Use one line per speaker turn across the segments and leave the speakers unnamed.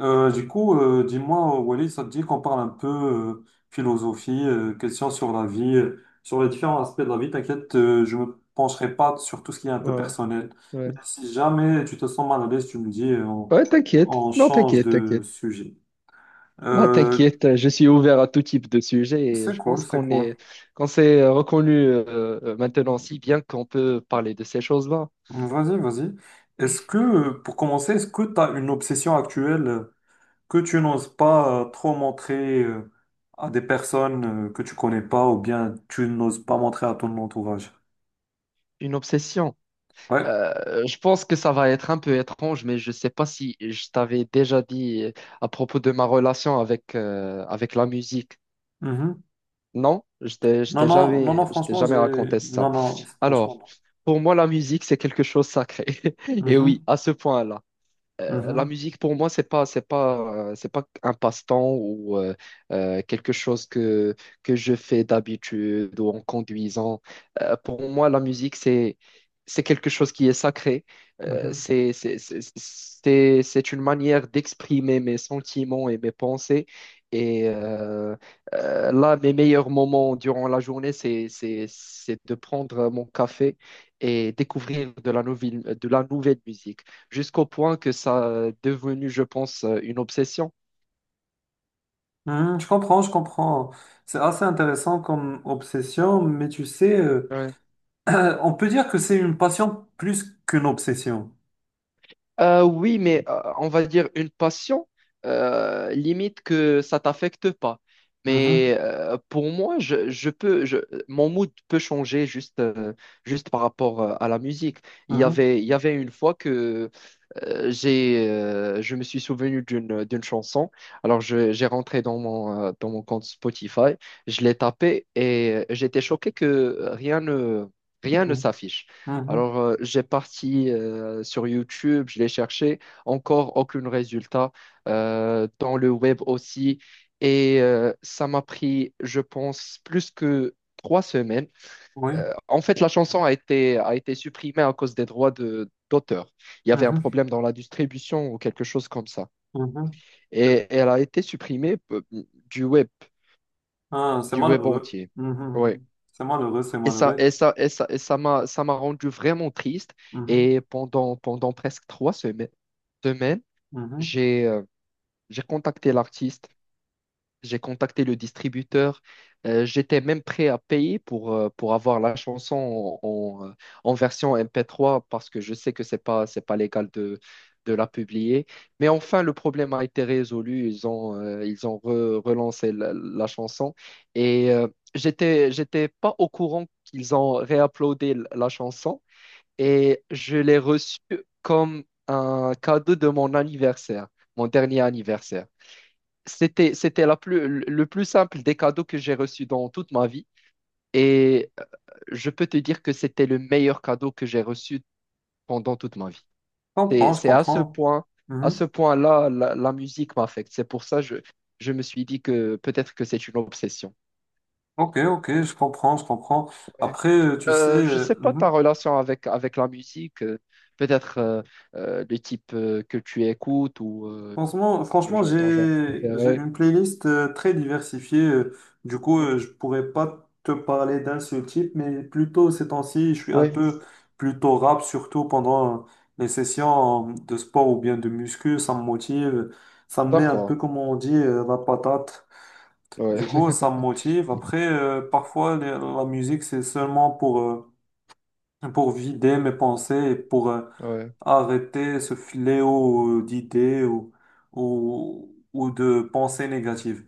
Dis-moi, Walid, ça te dit qu'on parle un peu philosophie, questions sur la vie, sur les différents aspects de la vie. T'inquiète, je me pencherai pas sur tout ce qui est un peu
Ouais,
personnel.
ouais.
Si jamais tu te sens mal à l'aise, tu me dis,
Ouais, t'inquiète.
on
Non,
change
t'inquiète,
de
t'inquiète.
sujet.
Bah,
Euh,
t'inquiète, je suis ouvert à tout type de sujet et
c'est
je
cool,
pense
c'est
qu'on
cool.
est, qu'on s'est reconnu maintenant si bien qu'on peut parler de ces choses-là.
Vas-y, vas-y. Est-ce que, pour commencer, est-ce que tu as une obsession actuelle? Que tu n'oses pas trop montrer à des personnes que tu connais pas ou bien tu n'oses pas montrer à ton entourage.
Une obsession.
Ouais.
Je pense que ça va être un peu étrange, mais je sais pas si je t'avais déjà dit à propos de ma relation avec, avec la musique.
Mhm.
Non, je t'ai je
Non,
t'ai
non, non,
jamais,
non,
je t'ai
franchement,
jamais
j'ai...
raconté ça.
Non, non,
Alors,
franchement,
pour moi, la musique, c'est quelque chose de sacré.
non.
Et oui,
Mhm,
à ce point-là la
mhm,
musique pour moi c'est pas un passe-temps ou quelque chose que je fais d'habitude ou en conduisant. Pour moi la musique c'est quelque chose qui est sacré. Euh,
mhm.
c'est c'est c'est c'est c'est une manière d'exprimer mes sentiments et mes pensées. Et euh, Là, mes meilleurs moments durant la journée, c'est de prendre mon café et découvrir de la nouvelle musique jusqu'au point que ça est devenu, je pense, une obsession.
Mhm, je comprends, je comprends. C'est assez intéressant comme obsession, mais tu sais,
Ouais.
on peut dire que c'est une passion plus qu'une obsession.
Oui, mais on va dire une passion, limite que ça t'affecte pas.
Mhm,
Mais pour moi, je peux. Mon mood peut changer juste, juste par rapport à la musique. Il y
mhm,
avait, il y avait une fois que je me suis souvenu d'une chanson. Alors, j'ai rentré dans mon compte Spotify, je l'ai tapé et j'étais choqué que rien ne
mhm,
s'affiche.
mhm.
Alors, j'ai parti sur YouTube, je l'ai cherché, encore aucun résultat. Dans le web aussi. Et ça m'a pris, je pense, plus que trois semaines
Oui.
en fait, la chanson a été supprimée à cause des d'auteur. Il y avait un problème dans la distribution ou quelque chose comme ça.
Mhm, mhm.
Et elle a été supprimée du web,
Ah, c'est
du web
malheureux.
entier.
Mhm,
Ouais.
mhm. C'est malheureux, c'est
Et ça, et
malheureux.
ça, et ça, et ça m'a, ça m'a rendu vraiment triste.
Mhm,
Et pendant presque trois semaines, semaines,
mhm.
j'ai, euh, j'ai contacté l'artiste. J'ai contacté le distributeur. J'étais même prêt à payer pour avoir la chanson en, euh, en version MP3 parce que je sais que c'est pas légal de la publier. Mais enfin, le problème a été résolu. Ils ont relancé la chanson. Et j'étais pas au courant qu'ils ont réuploadé la chanson. Et je l'ai reçue comme un cadeau de mon anniversaire, mon dernier anniversaire. Le plus simple des cadeaux que j'ai reçus dans toute ma vie. Et je peux te dire que c'était le meilleur cadeau que j'ai reçu pendant toute ma vie.
Je comprends, je
C'est à ce
comprends.
point, à ce
Mhm.
point-là, la musique m'affecte. C'est pour ça que je me suis dit que peut-être que c'est une obsession.
Ok, ok, je comprends, je comprends.
Ouais.
Après, tu sais,
Je ne sais pas ta
mhm.
relation avec, avec la musique, peut-être le type que tu écoutes ou
Franchement,
le, ton genre
j'ai
préféré.
une playlist très diversifiée. Du coup, je pourrais pas te parler d'un seul type, mais plutôt ces temps-ci, je suis un peu
Oui,
plutôt rap, surtout pendant les sessions de sport ou bien de muscu. Ça me motive, ça me met un peu,
d'accord.
comme on dit, la patate. Du
Ouais.
coup, ça me motive. Après, parfois, la musique, c'est seulement pour vider mes pensées et pour
Ouais.
arrêter ce fléau d'idées ou de pensées négatives.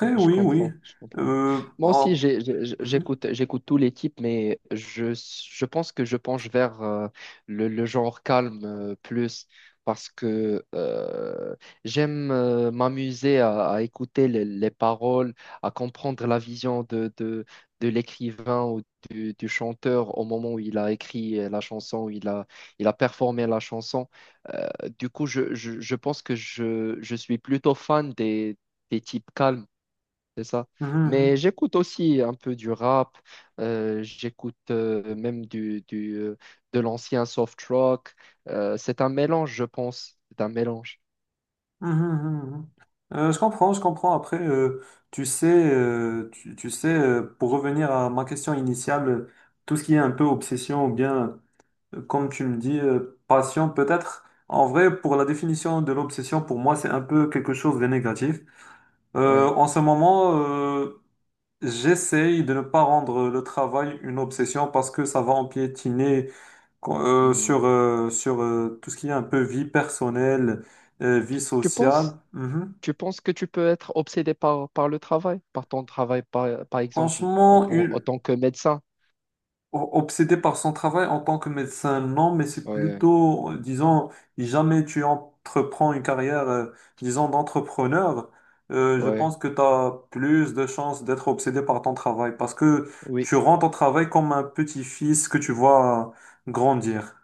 Ouais, je
oui, oui.
comprends, je comprends.
Euh,
Moi
ah,
aussi,
mhm,
j'écoute, j'écoute tous les types, mais je pense que je penche vers le genre calme plus parce que j'aime m'amuser à écouter les paroles, à comprendre la vision de l'écrivain ou du chanteur au moment où il a écrit la chanson, où il a performé la chanson. Du coup, je pense que je suis plutôt fan des types calmes c'est ça. Mais
mhm,
j'écoute aussi un peu du rap, j'écoute même de l'ancien soft rock. C'est un mélange, je pense. C'est un mélange.
mhm, mhm, mhm. Mhm. Je comprends, je comprends. Après, tu sais, tu sais, pour revenir à ma question initiale, tout ce qui est un peu obsession ou bien comme tu me dis, passion peut-être. En vrai, pour la définition de l'obsession, pour moi, c'est un peu quelque chose de négatif.
Ouais.
En ce moment, j'essaye de ne pas rendre le travail une obsession parce que ça va empiétiner
Hmm.
sur tout ce qui est un peu vie personnelle, vie
Tu
sociale.
penses,
Mhm.
tu penses que tu peux être obsédé par, par le travail, par ton travail, par, par exemple,
Franchement, une-
autant que médecin?
obsédé par son travail en tant que médecin, non, mais c'est
Ouais,
plutôt, disons, jamais tu entreprends une carrière, disons, d'entrepreneur, je
ouais,
pense que tu as plus de chances d'être obsédé par ton travail parce que
oui,
tu rends ton travail comme un petit-fils que tu vois grandir.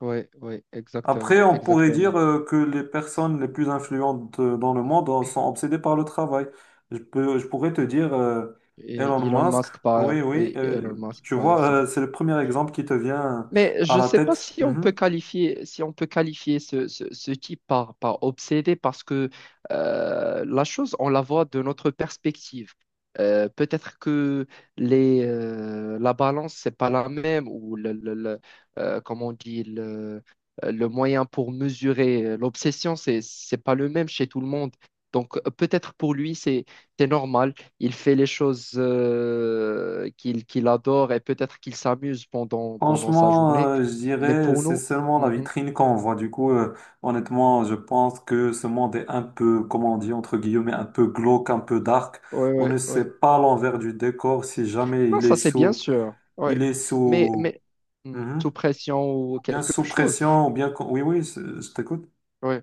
ouais, ouais,
Après,
exactement,
on pourrait
exactement.
dire que les personnes les plus influentes dans le monde sont obsédées par le travail. Je pourrais te dire
Et
Elon Musk, oui, oui,
Oui, Elon Musk,
tu
par
vois,
exemple.
c'est le premier exemple qui te vient
Mais
à
je ne
la
sais pas
tête.
si on peut
Mhm.
qualifier, si on peut qualifier ce, ce type par, par obsédé parce que la chose, on la voit de notre perspective. Peut-être que la balance, c'est pas la même ou comment on dit, le moyen pour mesurer l'obsession, c'est pas le même chez tout le monde. Donc peut-être pour lui, c'est normal. Il fait les choses qu'il adore et peut-être qu'il s'amuse pendant, pendant sa
Franchement,
journée.
je
Mais
dirais,
pour
c'est
nous,
seulement la
mhm,
vitrine qu'on voit. Du coup, honnêtement, je pense que ce monde est un peu, comment on dit, entre guillemets, un peu glauque, un peu dark.
ouais,
On ne
ouais,
sait
ouais.
pas l'envers du décor si jamais
Non, ça c'est bien sûr.
il
Ouais.
est sous.
Mais hmm,
Mhm.
sous pression ou
Bien
quelque
sous
chose.
pression, ou bien... oui, oui, c'est- je t'écoute.
Oui,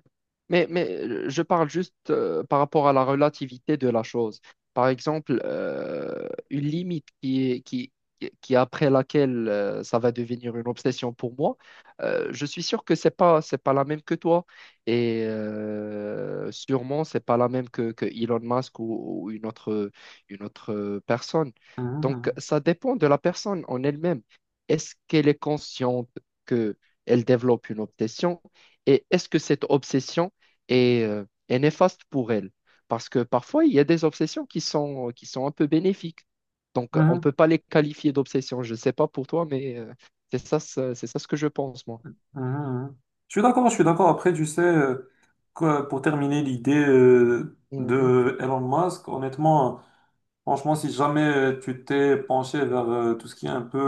mais je parle juste par rapport à la relativité de la chose. Par exemple, une limite qui après laquelle ça va devenir une obsession pour moi, je suis sûr que c'est pas la même que toi. Et sûrement, c'est pas la même que Elon Musk ou une autre personne. Donc,
Mhm,
ça dépend de la personne en elle-même. Est-ce qu'elle est consciente que elle développe une obsession? Et est-ce que cette obsession est, est néfaste pour elle? Parce que parfois, il y a des obsessions qui sont un peu bénéfiques. Donc, on ne
mhm,
peut pas les qualifier d'obsessions. Je ne sais pas pour toi, mais c'est ça, c'est ça ce que je pense, moi.
mhm, mhm, mhm. Je suis d'accord, je suis d'accord. Après, tu sais, pour terminer l'idée
Mhm.
de Elon Musk, honnêtement, franchement, si jamais tu t'es penché vers tout ce qui est un peu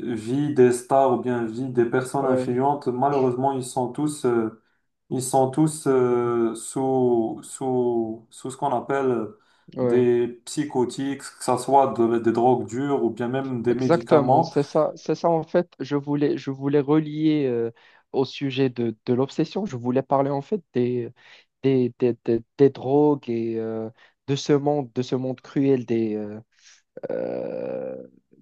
vie des stars ou bien vie des personnes
Ouais,
influentes, malheureusement, ils sont tous
mhm.
sous ce qu'on appelle
Ouais,
des psychotiques, que ce soit des drogues dures ou bien même des
exactement.
médicaments.
C'est ça en fait. Je voulais relier au sujet de l'obsession. Je voulais parler en fait des drogues et de ce monde cruel euh,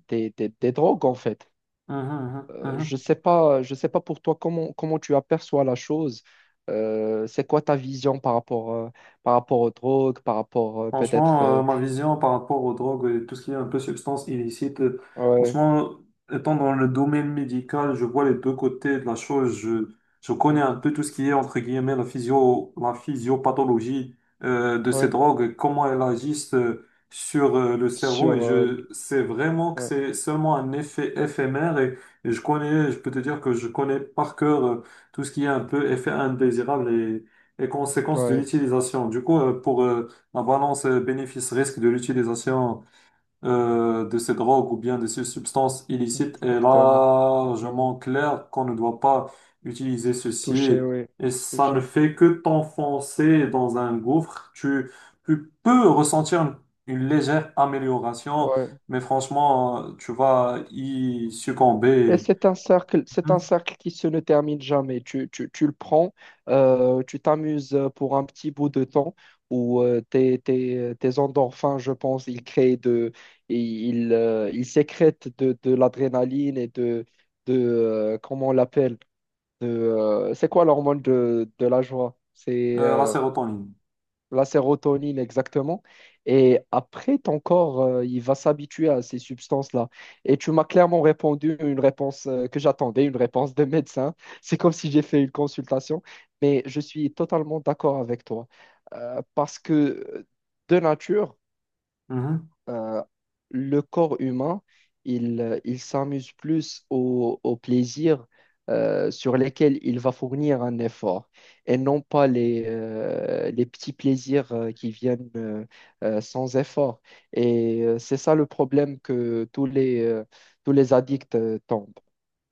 des drogues, en fait.
Mhm, mhm,
Je
mhm.
sais pas, je sais pas pour toi comment, comment tu aperçois la chose. C'est quoi ta vision par rapport aux drogues, par rapport peut-être...
Franchement, ma vision par rapport aux drogues et tout ce qui est un peu substance illicite,
ouais,
franchement, étant dans le domaine médical, je vois les deux côtés de la chose. Je connais un
mhm,
peu tout ce qui est, entre guillemets, la physiopathologie de ces
ouais,
drogues, comment elles agissent sur le cerveau. Et
sur...
je sais vraiment que
ouais,
c'est seulement un effet éphémère. Et je connais, je peux te dire que je connais par cœur tout ce qui est un peu effet indésirable et conséquences de
ouais,
l'utilisation. Du coup, la balance bénéfice-risque de l'utilisation de ces drogues ou bien de ces substances illicites est
exactement, exactement.
largement claire qu'on ne doit pas utiliser
Touché,
ceci
oui,
et ça ne
touché.
fait que t'enfoncer dans un gouffre. Tu peux ressentir une légère amélioration,
Ouais.
mais franchement, tu vas y
Et
succomber.
c'est un
Mhm.
cercle qui se ne termine jamais. Tu le prends, tu t'amuses pour un petit bout de temps où tes endorphins, je pense, ils créent de, et ils, ils sécrètent de l'adrénaline et de comment on l'appelle, c'est quoi l'hormone de la joie? C'est
La sérotonine.
la sérotonine exactement. Et après, ton corps, il va s'habituer à ces substances-là. Et tu m'as clairement répondu une réponse que j'attendais, une réponse de médecin. C'est comme si j'ai fait une consultation, mais je suis totalement d'accord avec toi. Parce que de nature,
Mhm.
euh, le corps humain, il s'amuse plus au plaisir sur lesquels il va fournir un effort et non pas les, les petits plaisirs qui viennent sans effort. Et c'est ça le problème que tous les addicts tombent.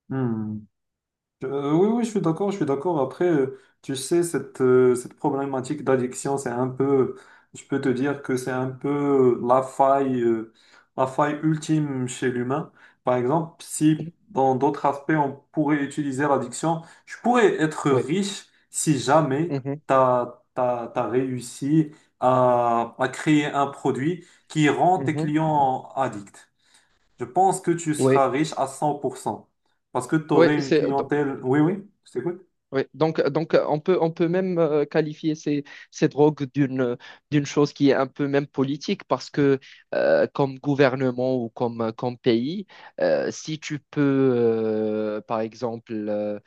Hmm. Oui, oui, je suis d'accord, je suis d'accord. Après, tu sais, cette problématique d'addiction, c'est un peu, je peux te dire que c'est un peu la faille ultime chez l'humain. Par exemple, si dans d'autres aspects, on pourrait utiliser l'addiction, je pourrais être
Oui,
riche si jamais
mhm,
t'as réussi à créer un produit qui rend tes
mhm.
clients addicts. Je pense que tu seras
Oui,
riche à 100% parce que tu
oui,
aurais une
c'est
clientèle. Oui, oui, je t'écoute.
oui, donc on peut même qualifier ces, ces drogues d'une, d'une chose qui est un peu même politique parce que comme gouvernement ou comme, comme pays, si tu peux, euh, par exemple, euh,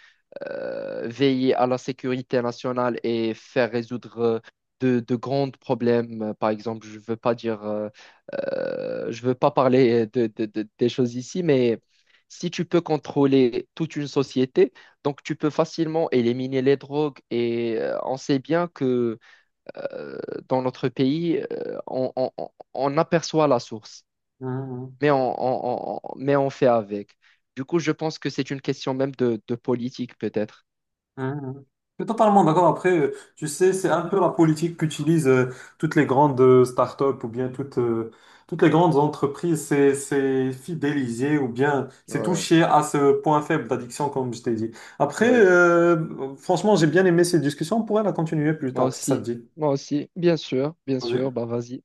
veiller à la sécurité nationale et faire résoudre de grands problèmes. Par exemple, je veux pas parler des choses ici, mais si tu peux contrôler toute une société, donc tu peux facilement éliminer les drogues. Et on sait bien que euh, dans notre pays, on aperçoit la source,
Mhm,
mais on fait avec. Du coup, je pense que c'est une question même de politique, peut-être.
mhm. Je suis totalement d'accord. Après, tu sais, c'est un peu la politique qu'utilisent toutes les grandes startups ou bien toutes les grandes entreprises. C'est fidéliser ou bien c'est
Ouais.
toucher à ce point faible d'addiction, comme je t'ai dit. Après,
Ouais,
franchement, j'ai bien aimé ces discussions. On pourrait la continuer plus
moi
tard, si ça te
aussi,
dit.
moi aussi, bien
Vas-y.
sûr, bah vas-y.